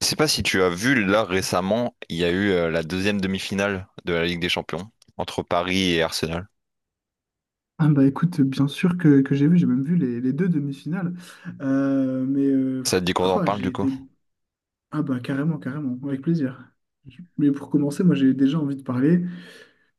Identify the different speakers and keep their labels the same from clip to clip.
Speaker 1: Je sais pas si tu as vu, là récemment, il y a eu la deuxième demi-finale de la Ligue des Champions entre Paris et Arsenal.
Speaker 2: Ah bah écoute, bien sûr que j'ai vu, j'ai même vu les deux demi-finales. Euh, mais euh, pff,
Speaker 1: Ça te dit qu'on en
Speaker 2: croi,
Speaker 1: parle du
Speaker 2: j'ai
Speaker 1: coup?
Speaker 2: été... Ah bah carrément, carrément, avec plaisir. Mais pour commencer, moi j'ai déjà envie de parler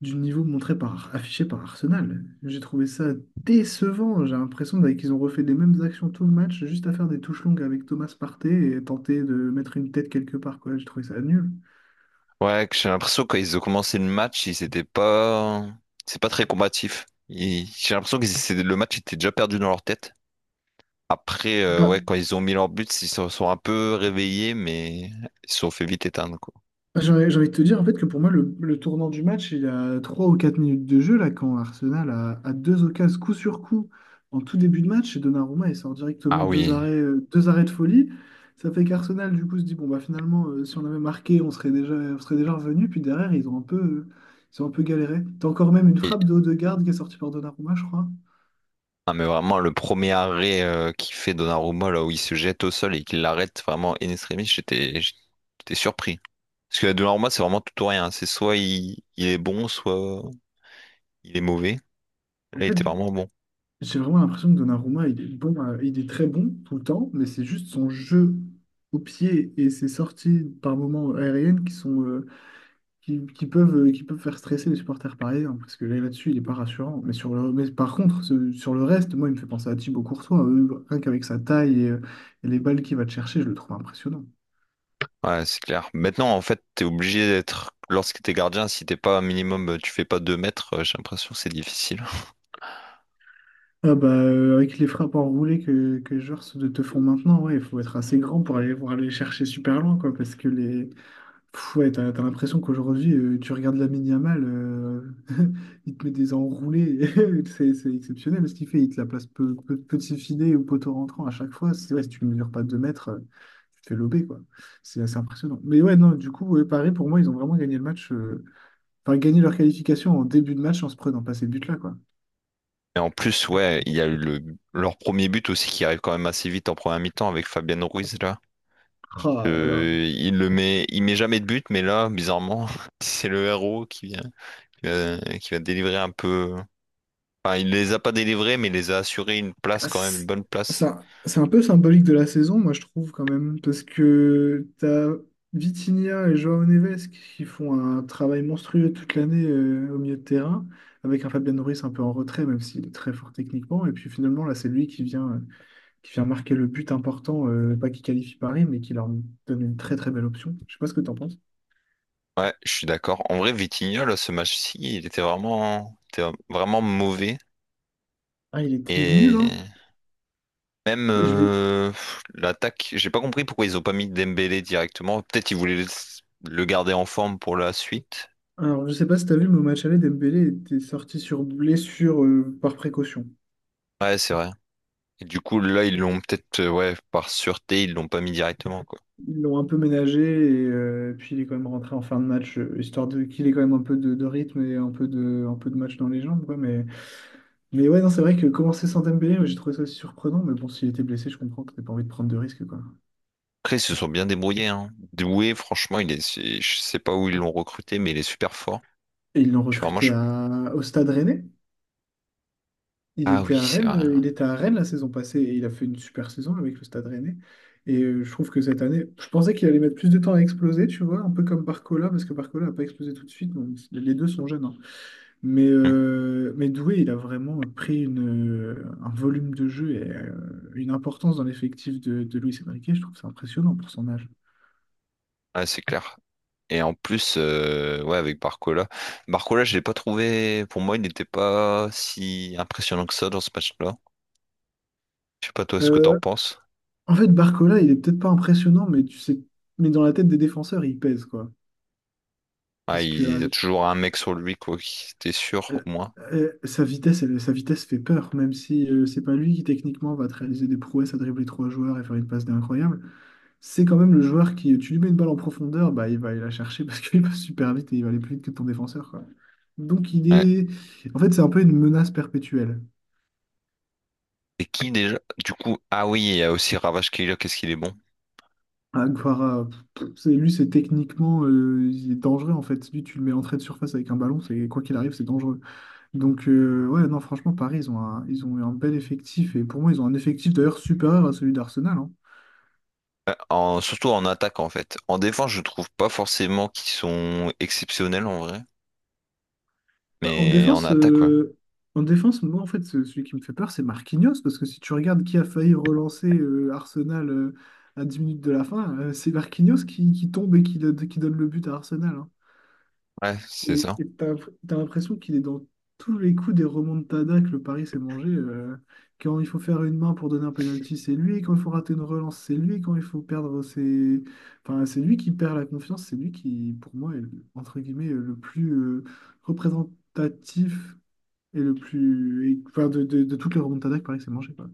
Speaker 2: du niveau montré par, affiché par Arsenal. J'ai trouvé ça décevant. J'ai l'impression qu'ils ont refait les mêmes actions tout le match, juste à faire des touches longues avec Thomas Partey et tenter de mettre une tête quelque part, quoi. J'ai trouvé ça nul.
Speaker 1: Ouais, que j'ai l'impression que quand ils ont commencé le match, ils étaient pas, c'est pas très combatif. J'ai l'impression que le match était déjà perdu dans leur tête. Après,
Speaker 2: Bah,
Speaker 1: ouais, quand ils ont mis leur but, ils se sont un peu réveillés, mais ils se sont fait vite éteindre quoi.
Speaker 2: j'ai envie de te dire en fait que pour moi le tournant du match il y a 3 ou 4 minutes de jeu là quand Arsenal a deux occasions coup sur coup en tout début de match et Donnarumma il sort directement
Speaker 1: Ah oui.
Speaker 2: deux arrêts de folie. Ça fait qu'Arsenal du coup se dit bon bah finalement si on avait marqué on serait déjà revenu puis derrière ils ont un peu ils ont un peu galéré. T'as encore même une
Speaker 1: Et-
Speaker 2: frappe de haut de garde qui est sortie par Donnarumma je crois.
Speaker 1: Ah, mais vraiment, le premier arrêt qu'il fait Donnarumma, là où il se jette au sol et qu'il l'arrête vraiment in extremis, j'étais surpris. Parce que Donnarumma, c'est vraiment tout ou rien. C'est soit il est bon, soit il est mauvais.
Speaker 2: En
Speaker 1: Là, il
Speaker 2: fait,
Speaker 1: était vraiment bon.
Speaker 2: j'ai vraiment l'impression que Donnarumma, il est bon, il est très bon tout le temps, mais c'est juste son jeu au pied et ses sorties par moments aériennes qui sont qui peuvent faire stresser les supporters parisiens parce que là, là-dessus, il est pas rassurant. Mais sur le mais par contre, sur le reste, moi, il me fait penser à Thibaut Courtois, rien qu'avec sa taille et les balles qu'il va te chercher, je le trouve impressionnant.
Speaker 1: Ouais, c'est clair. Maintenant, en fait, t'es obligé d'être. Lorsque t'es gardien, si t'es pas un minimum, tu fais pas deux mètres, j'ai l'impression que c'est difficile.
Speaker 2: Ah bah, avec les frappes enroulées que les joueurs te font maintenant, ouais, il faut être assez grand pour aller les chercher super loin, quoi, parce que les, Ouais, t'as l'impression qu'aujourd'hui, tu regardes Lamine Yamal, il te met des enroulés, c'est exceptionnel ce qu'il fait, il te la place petit filet ou poteau rentrant à chaque fois. C'est vrai, si tu ne mesures pas 2 mètres, tu te fais lober, quoi. C'est assez impressionnant. Mais ouais, non, du coup, ouais, Paris, pour moi, ils ont vraiment gagné le match, enfin, gagné leur qualification en début de match en se prenant pas ces buts-là, quoi.
Speaker 1: Et en plus, ouais, il y a eu le, leur premier but aussi qui arrive quand même assez vite en première mi-temps avec Fabian Ruiz là.
Speaker 2: Ah là là.
Speaker 1: Il met jamais de but, mais là, bizarrement, c'est le héros qui vient, qui va délivrer un peu. Enfin, il les a pas délivrés, mais il les a assurés une place
Speaker 2: Ah,
Speaker 1: quand même, une
Speaker 2: C'est
Speaker 1: bonne
Speaker 2: c'est
Speaker 1: place.
Speaker 2: un, c'est un peu symbolique de la saison, moi je trouve quand même, parce que t'as Vitinha et João Neves qui font un travail monstrueux toute l'année au milieu de terrain, avec un Fabian Ruiz un peu en retrait, même s'il est très fort techniquement. Et puis finalement, là, c'est lui qui vient marquer le but important, pas qui qualifie Paris, mais qui leur donne une très très belle option. Je sais pas ce que t'en penses.
Speaker 1: Ouais, je suis d'accord. En vrai, Vitinha, là, ce match-ci, il était vraiment mauvais.
Speaker 2: Ah, il était nul,
Speaker 1: Et
Speaker 2: hein.
Speaker 1: Même
Speaker 2: Je l'ai-
Speaker 1: l'attaque, j'ai pas compris pourquoi ils ont pas mis Dembélé directement. Peut-être ils voulaient le garder en forme pour la suite.
Speaker 2: Alors, je sais pas si t'as vu, mais au match aller, Dembélé était sorti sur blessure par précaution.
Speaker 1: Ouais, c'est vrai. Et du coup, là, ils l'ont peut-être, ouais, par sûreté, ils l'ont pas mis directement, quoi.
Speaker 2: Ils l'ont un peu ménagé et puis il est quand même rentré en fin de match, histoire de qu'il ait quand même un peu de rythme et un peu de match dans les jambes, quoi. Mais ouais, non, c'est vrai que commencer sans Dembélé, ouais, j'ai trouvé ça surprenant. Mais bon, s'il était blessé, je comprends que t'aies pas envie de prendre de risques, quoi.
Speaker 1: Après, ils se sont bien débrouillés, hein. Doué, franchement, je sais pas où ils l'ont recruté, mais il est super fort.
Speaker 2: Et ils l'ont
Speaker 1: Je suis vraiment
Speaker 2: recruté
Speaker 1: choqué.
Speaker 2: au Stade Rennais. Il
Speaker 1: Ah
Speaker 2: était
Speaker 1: oui,
Speaker 2: à
Speaker 1: c'est
Speaker 2: Rennes,
Speaker 1: vrai.
Speaker 2: il était à Rennes la saison passée et il a fait une super saison avec le Stade Rennais. Et je trouve que cette année, je pensais qu'il allait mettre plus de temps à exploser, tu vois, un peu comme Barcola, parce que Barcola n'a pas explosé tout de suite. Donc les deux sont jeunes, hein. Mais,
Speaker 1: Hmm.
Speaker 2: euh, mais Doué, il a vraiment pris un volume de jeu et une importance dans l'effectif de Luis Enrique. Je trouve ça impressionnant pour son âge.
Speaker 1: Ouais, c'est clair. Et en plus, ouais, avec Barcola. Barcola, je l'ai pas trouvé. Pour moi, il n'était pas si impressionnant que ça dans ce match-là. Je sais pas toi ce que t'en
Speaker 2: Euh,
Speaker 1: penses.
Speaker 2: en fait, Barcola, il est peut-être pas impressionnant, mais tu sais, mais dans la tête des défenseurs, il pèse, quoi.
Speaker 1: Ah,
Speaker 2: Parce que
Speaker 1: il y a
Speaker 2: euh,
Speaker 1: toujours un mec sur lui, quoi, qui t'es sûr,
Speaker 2: euh,
Speaker 1: au moins.
Speaker 2: sa vitesse fait peur, même si c'est pas lui qui techniquement va te réaliser des prouesses à dribbler trois joueurs et faire une passe d'incroyable. C'est quand même le joueur qui, tu lui mets une balle en profondeur, bah, il va aller la chercher parce qu'il passe super vite et il va aller plus vite que ton défenseur, quoi. Donc il
Speaker 1: Ouais.
Speaker 2: est... En fait, c'est un peu une menace perpétuelle.
Speaker 1: Et qui déjà? Du coup, ah oui, il y a aussi Ravage Killer, qu'est-ce qu'il est bon?
Speaker 2: Aguara, lui, c'est techniquement, il est dangereux, en fait. Lui, tu le mets entrée de surface avec un ballon, c'est quoi qu'il arrive, c'est dangereux. Donc, ouais, non, franchement, Paris, ils ont eu un bel effectif. Et pour moi, ils ont un effectif d'ailleurs supérieur à celui d'Arsenal, hein.
Speaker 1: Surtout en attaque, en fait. En défense, je trouve pas forcément qu'ils sont exceptionnels, en vrai.
Speaker 2: Bah, en
Speaker 1: Mais en
Speaker 2: défense,
Speaker 1: attaque, ouais.
Speaker 2: en défense, moi, en fait, celui qui me fait peur, c'est Marquinhos, parce que si tu regardes qui a failli relancer Arsenal à 10 minutes de la fin, c'est Marquinhos qui tombe et qui donne le but à Arsenal, hein.
Speaker 1: Ouais, c'est
Speaker 2: Et
Speaker 1: ça.
Speaker 2: et t'as l'impression qu'il est dans tous les coups des remontadas que le Paris s'est mangé. Quand il faut faire une main pour donner un penalty, c'est lui. Quand il faut rater une relance, c'est lui. Quand il faut perdre, c'est... Enfin, c'est lui qui perd la confiance. C'est lui qui, pour moi, est, entre guillemets, le plus représentatif et le plus. Enfin, de toutes les remontadas il paraît que Paris s'est mangé, quoi.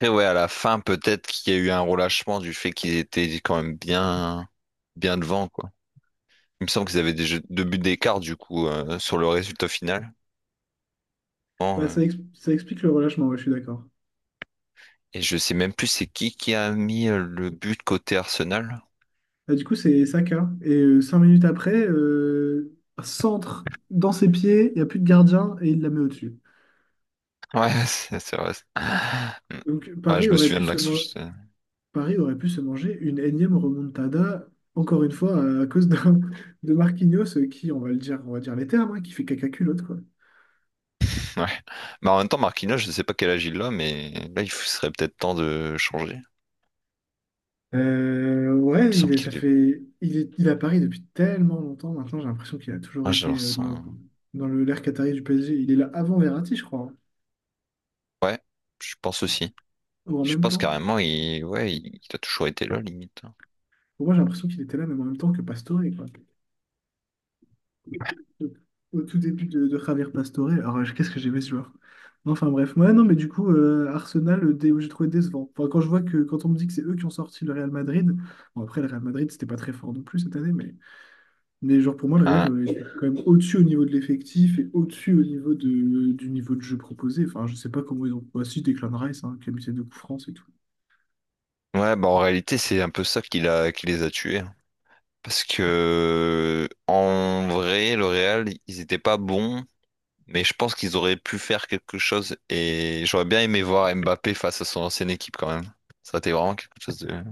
Speaker 1: Après, ouais, à la fin, peut-être qu'il y a eu un relâchement du fait qu'ils étaient quand même bien devant, quoi. Il me semble qu'ils avaient deux buts d'écart, du coup, sur le résultat final. Bon,
Speaker 2: Bah,
Speaker 1: euh,
Speaker 2: ça, ça explique le relâchement, ouais, je suis d'accord.
Speaker 1: et je sais même plus c'est qui a mis le but côté Arsenal.
Speaker 2: Bah, du coup, c'est Saka. Et 5 minutes après, centre dans ses pieds, il n'y a plus de gardien et il la met au-dessus.
Speaker 1: Ouais, c'est vrai. Mm.
Speaker 2: Donc
Speaker 1: Ouais, je
Speaker 2: Paris
Speaker 1: me
Speaker 2: aurait
Speaker 1: souviens
Speaker 2: pu
Speaker 1: de
Speaker 2: se,
Speaker 1: l'action.
Speaker 2: mo-
Speaker 1: Je sais.
Speaker 2: Paris aurait pu se manger une énième remontada, encore une fois, à cause de Marquinhos qui, on va dire les termes, hein, qui fait caca culotte, quoi.
Speaker 1: Ouais. Mais en même temps, Marquinhos, je sais pas quel âge il a, mais là, il serait peut-être temps de changer. Il me
Speaker 2: Ouais, il
Speaker 1: semble
Speaker 2: est, ça
Speaker 1: qu'il est...
Speaker 2: fait, il est à Paris depuis tellement longtemps maintenant, j'ai l'impression qu'il a toujours
Speaker 1: Ah, j'ai
Speaker 2: été dans le,
Speaker 1: l'impression-
Speaker 2: dans le, l'ère qatari du PSG. Il est là avant Verratti, je crois, hein,
Speaker 1: Ouais, je pense aussi.
Speaker 2: ou en
Speaker 1: Je
Speaker 2: même
Speaker 1: pense
Speaker 2: temps.
Speaker 1: carrément, ouais, il a toujours été là, limite.
Speaker 2: Pour moi, j'ai l'impression qu'il était là même en même temps que Pastore, quoi. Au, au tout début de Javier Pastore. Alors, qu'est-ce que j'aimais ce joueur? Enfin bref, ouais, non, mais du coup, Arsenal, j'ai trouvé décevant. Enfin, quand je vois quand on me dit que c'est eux qui ont sorti le Real Madrid, bon après, le Real Madrid, c'était pas très fort non plus cette année. Mais genre pour moi, le Real
Speaker 1: Hein.
Speaker 2: est quand même au-dessus au niveau de l'effectif et au-dessus au niveau du niveau de jeu proposé. Enfin, je sais pas comment ils ont. Bah, si, Declan Rice, hein, qui a mis ses deux coups francs, c'est tout.
Speaker 1: Ouais, bah en réalité, c'est un peu ça qui les a tués, hein. Parce que, en vrai, le Real, ils étaient pas bons, mais je pense qu'ils auraient pu faire quelque chose. Et j'aurais bien aimé voir Mbappé face à son ancienne équipe, quand même. Ça aurait été vraiment quelque chose de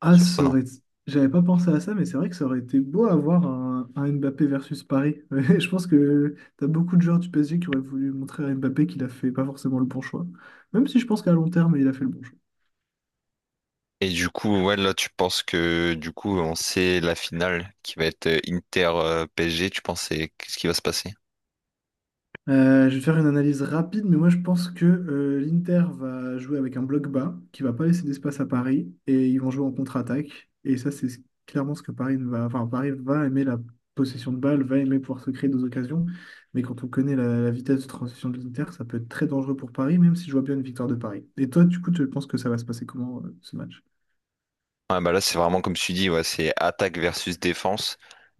Speaker 2: Ah, ça
Speaker 1: surprenant.
Speaker 2: aurait... J'avais pas pensé à ça, mais c'est vrai que ça aurait été beau avoir un Mbappé versus Paris. Ouais, je pense que t'as beaucoup de joueurs du PSG qui auraient voulu montrer à Mbappé qu'il a fait pas forcément le bon choix. Même si je pense qu'à long terme, il a fait le bon choix.
Speaker 1: Et du coup, ouais, là, tu penses que du coup, on sait la finale qui va être Inter PSG, tu penses c'est qu'est-ce qui va se passer?
Speaker 2: Je vais faire une analyse rapide, mais moi je pense que l'Inter va jouer avec un bloc bas qui va pas laisser d'espace à Paris et ils vont jouer en contre-attaque. Et ça, c'est clairement ce que Paris ne va. Enfin, Paris va aimer la possession de balle, va aimer pouvoir se créer des occasions. Mais quand on connaît la vitesse de transition de l'Inter, ça peut être très dangereux pour Paris, même si je vois bien une victoire de Paris. Et toi, du coup, tu penses que ça va se passer comment ce match?
Speaker 1: Ouais, bah là, c'est vraiment comme tu dis, ouais, c'est attaque versus défense.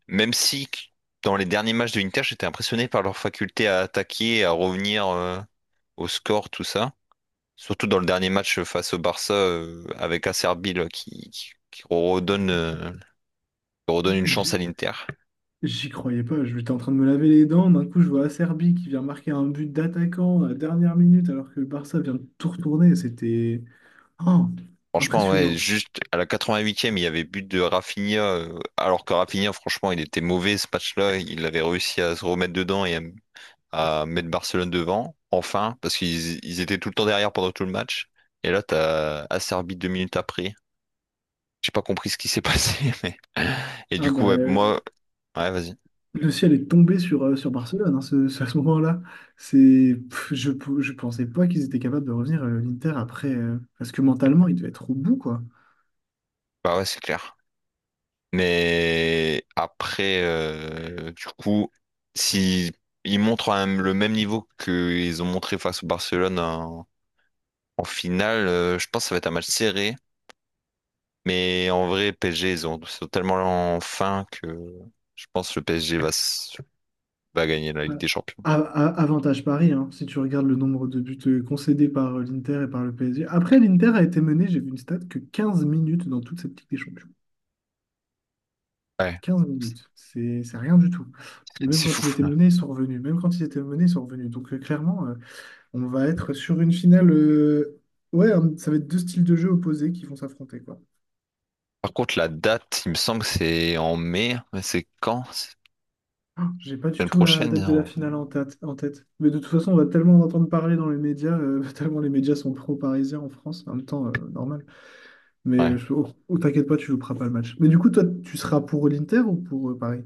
Speaker 1: Même si qu- dans les derniers matchs de l'Inter, j'étais impressionné par leur faculté à attaquer, à revenir au score, tout ça. Surtout dans le dernier match face au Barça, avec Acerbi là, qui redonne une chance à l'Inter.
Speaker 2: J'y croyais pas, je j'étais en train de me laver les dents, d'un coup je vois Acerbi qui vient marquer un but d'attaquant à la dernière minute alors que le Barça vient de tout retourner, c'était oh,
Speaker 1: Franchement, ouais,
Speaker 2: impressionnant.
Speaker 1: juste à la 88e, il y avait but de Rafinha, alors que Rafinha, franchement, il était mauvais ce match-là. Il avait réussi à se remettre dedans et à mettre Barcelone devant, enfin, parce qu'ils ils étaient tout le temps derrière pendant tout le match. Et là, t'as Acerbi deux minutes après. J'ai pas compris ce qui s'est passé, mais... Et
Speaker 2: Ah
Speaker 1: du
Speaker 2: bah
Speaker 1: coup, ouais, moi... Ouais, vas-y.
Speaker 2: le ciel est tombé sur Barcelone hein, à ce moment-là. C'est je pensais pas qu'ils étaient capables de revenir l'Inter après parce que mentalement ils devaient être au bout quoi.
Speaker 1: Bah ouais, c'est clair. Mais après, du coup, si ils montrent le même niveau qu'ils ont montré face au Barcelone en finale, je pense que ça va être un match serré. Mais en vrai, ils sont tellement en fin que je pense que le PSG va gagner la
Speaker 2: Ah,
Speaker 1: Ligue des Champions.
Speaker 2: a- Avantage Paris, hein, si tu regardes le nombre de buts concédés par l'Inter et par le PSG. Après, l'Inter a été mené, j'ai vu une stat, que 15 minutes dans toute cette Ligue des Champions.
Speaker 1: Ouais,
Speaker 2: 15 minutes, c'est rien du tout. Et même
Speaker 1: c'est fou.
Speaker 2: quand ils étaient menés, ils sont revenus. Même quand ils étaient menés, ils sont revenus. Donc clairement, on va être sur une finale. Ouais, ça va être deux styles de jeu opposés qui vont s'affronter, quoi.
Speaker 1: Par contre, la date, il me semble que c'est en mai. Mais c'est quand? C'est
Speaker 2: Ah, j'ai pas
Speaker 1: La
Speaker 2: du
Speaker 1: semaine
Speaker 2: tout la
Speaker 1: prochaine?
Speaker 2: date de la
Speaker 1: en-
Speaker 2: finale en tête. Mais de toute façon, on va tellement en entendre parler dans les médias, tellement les médias sont pro-parisiens en France, en même temps, normal. Mais
Speaker 1: Ouais.
Speaker 2: oh, oh, t'inquiète pas, tu joueras pas le match. Mais du coup, toi, tu seras pour l'Inter ou pour Paris?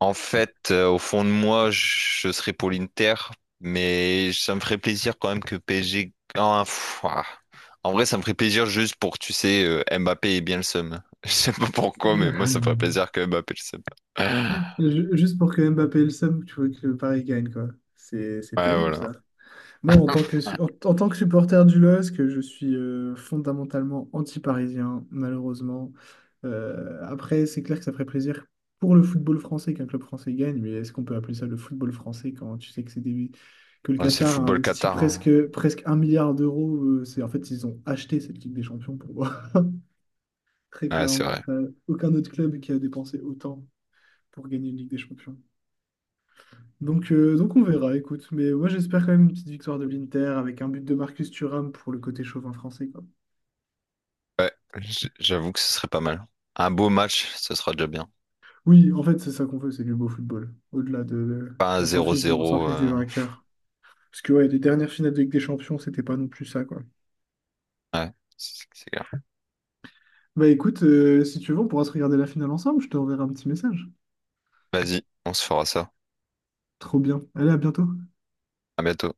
Speaker 1: En fait, au fond de moi, je serais pour l'Inter, mais ça me ferait plaisir quand même que PSG gagne. Pff, ah. En vrai, ça me ferait plaisir juste pour tu sais, Mbappé ait bien le seum. Je sais pas pourquoi, mais moi, ça me ferait plaisir que Mbappé ait le seum.
Speaker 2: Juste pour que Mbappé ait le somme, tu vois que le Paris gagne, quoi. C'est
Speaker 1: Ouais,
Speaker 2: terrible,
Speaker 1: voilà.
Speaker 2: ça. Moi, en tant que supporter du LOSC, je suis fondamentalement anti-parisien, malheureusement. Après, c'est clair que ça ferait plaisir pour le football français qu'un club français gagne, mais est-ce qu'on peut appeler ça le football français quand tu sais que que le
Speaker 1: Ouais, c'est le
Speaker 2: Qatar a
Speaker 1: football
Speaker 2: investi
Speaker 1: Qatar, hein.
Speaker 2: presque, presque 1 milliard d'euros, en fait, ils ont acheté cette Ligue des Champions pour moi. Très
Speaker 1: Ouais, c'est
Speaker 2: clairement,
Speaker 1: vrai.
Speaker 2: t'as aucun autre club qui a dépensé autant pour gagner une Ligue des Champions. Donc on verra, écoute. Mais moi j'espère quand même une petite victoire de l'Inter avec un but de Marcus Thuram pour le côté chauvin français, quoi.
Speaker 1: Ouais, j'avoue que ce serait pas mal. Un beau match, ce sera déjà bien.
Speaker 2: Oui, en fait c'est ça qu'on veut, c'est du beau football. Au-delà de,
Speaker 1: Pas un
Speaker 2: on s'en fiche du, on s'en
Speaker 1: 0-0.
Speaker 2: fiche du vainqueur. Parce que ouais, les dernières finales de Ligue des Champions, c'était pas non plus ça, quoi.
Speaker 1: Ouais, c'est clair.
Speaker 2: Bah écoute, si tu veux, on pourra se regarder la finale ensemble. Je te enverrai un petit message.
Speaker 1: Vas-y, on se fera ça.
Speaker 2: Trop bien. Allez, à bientôt.
Speaker 1: À bientôt.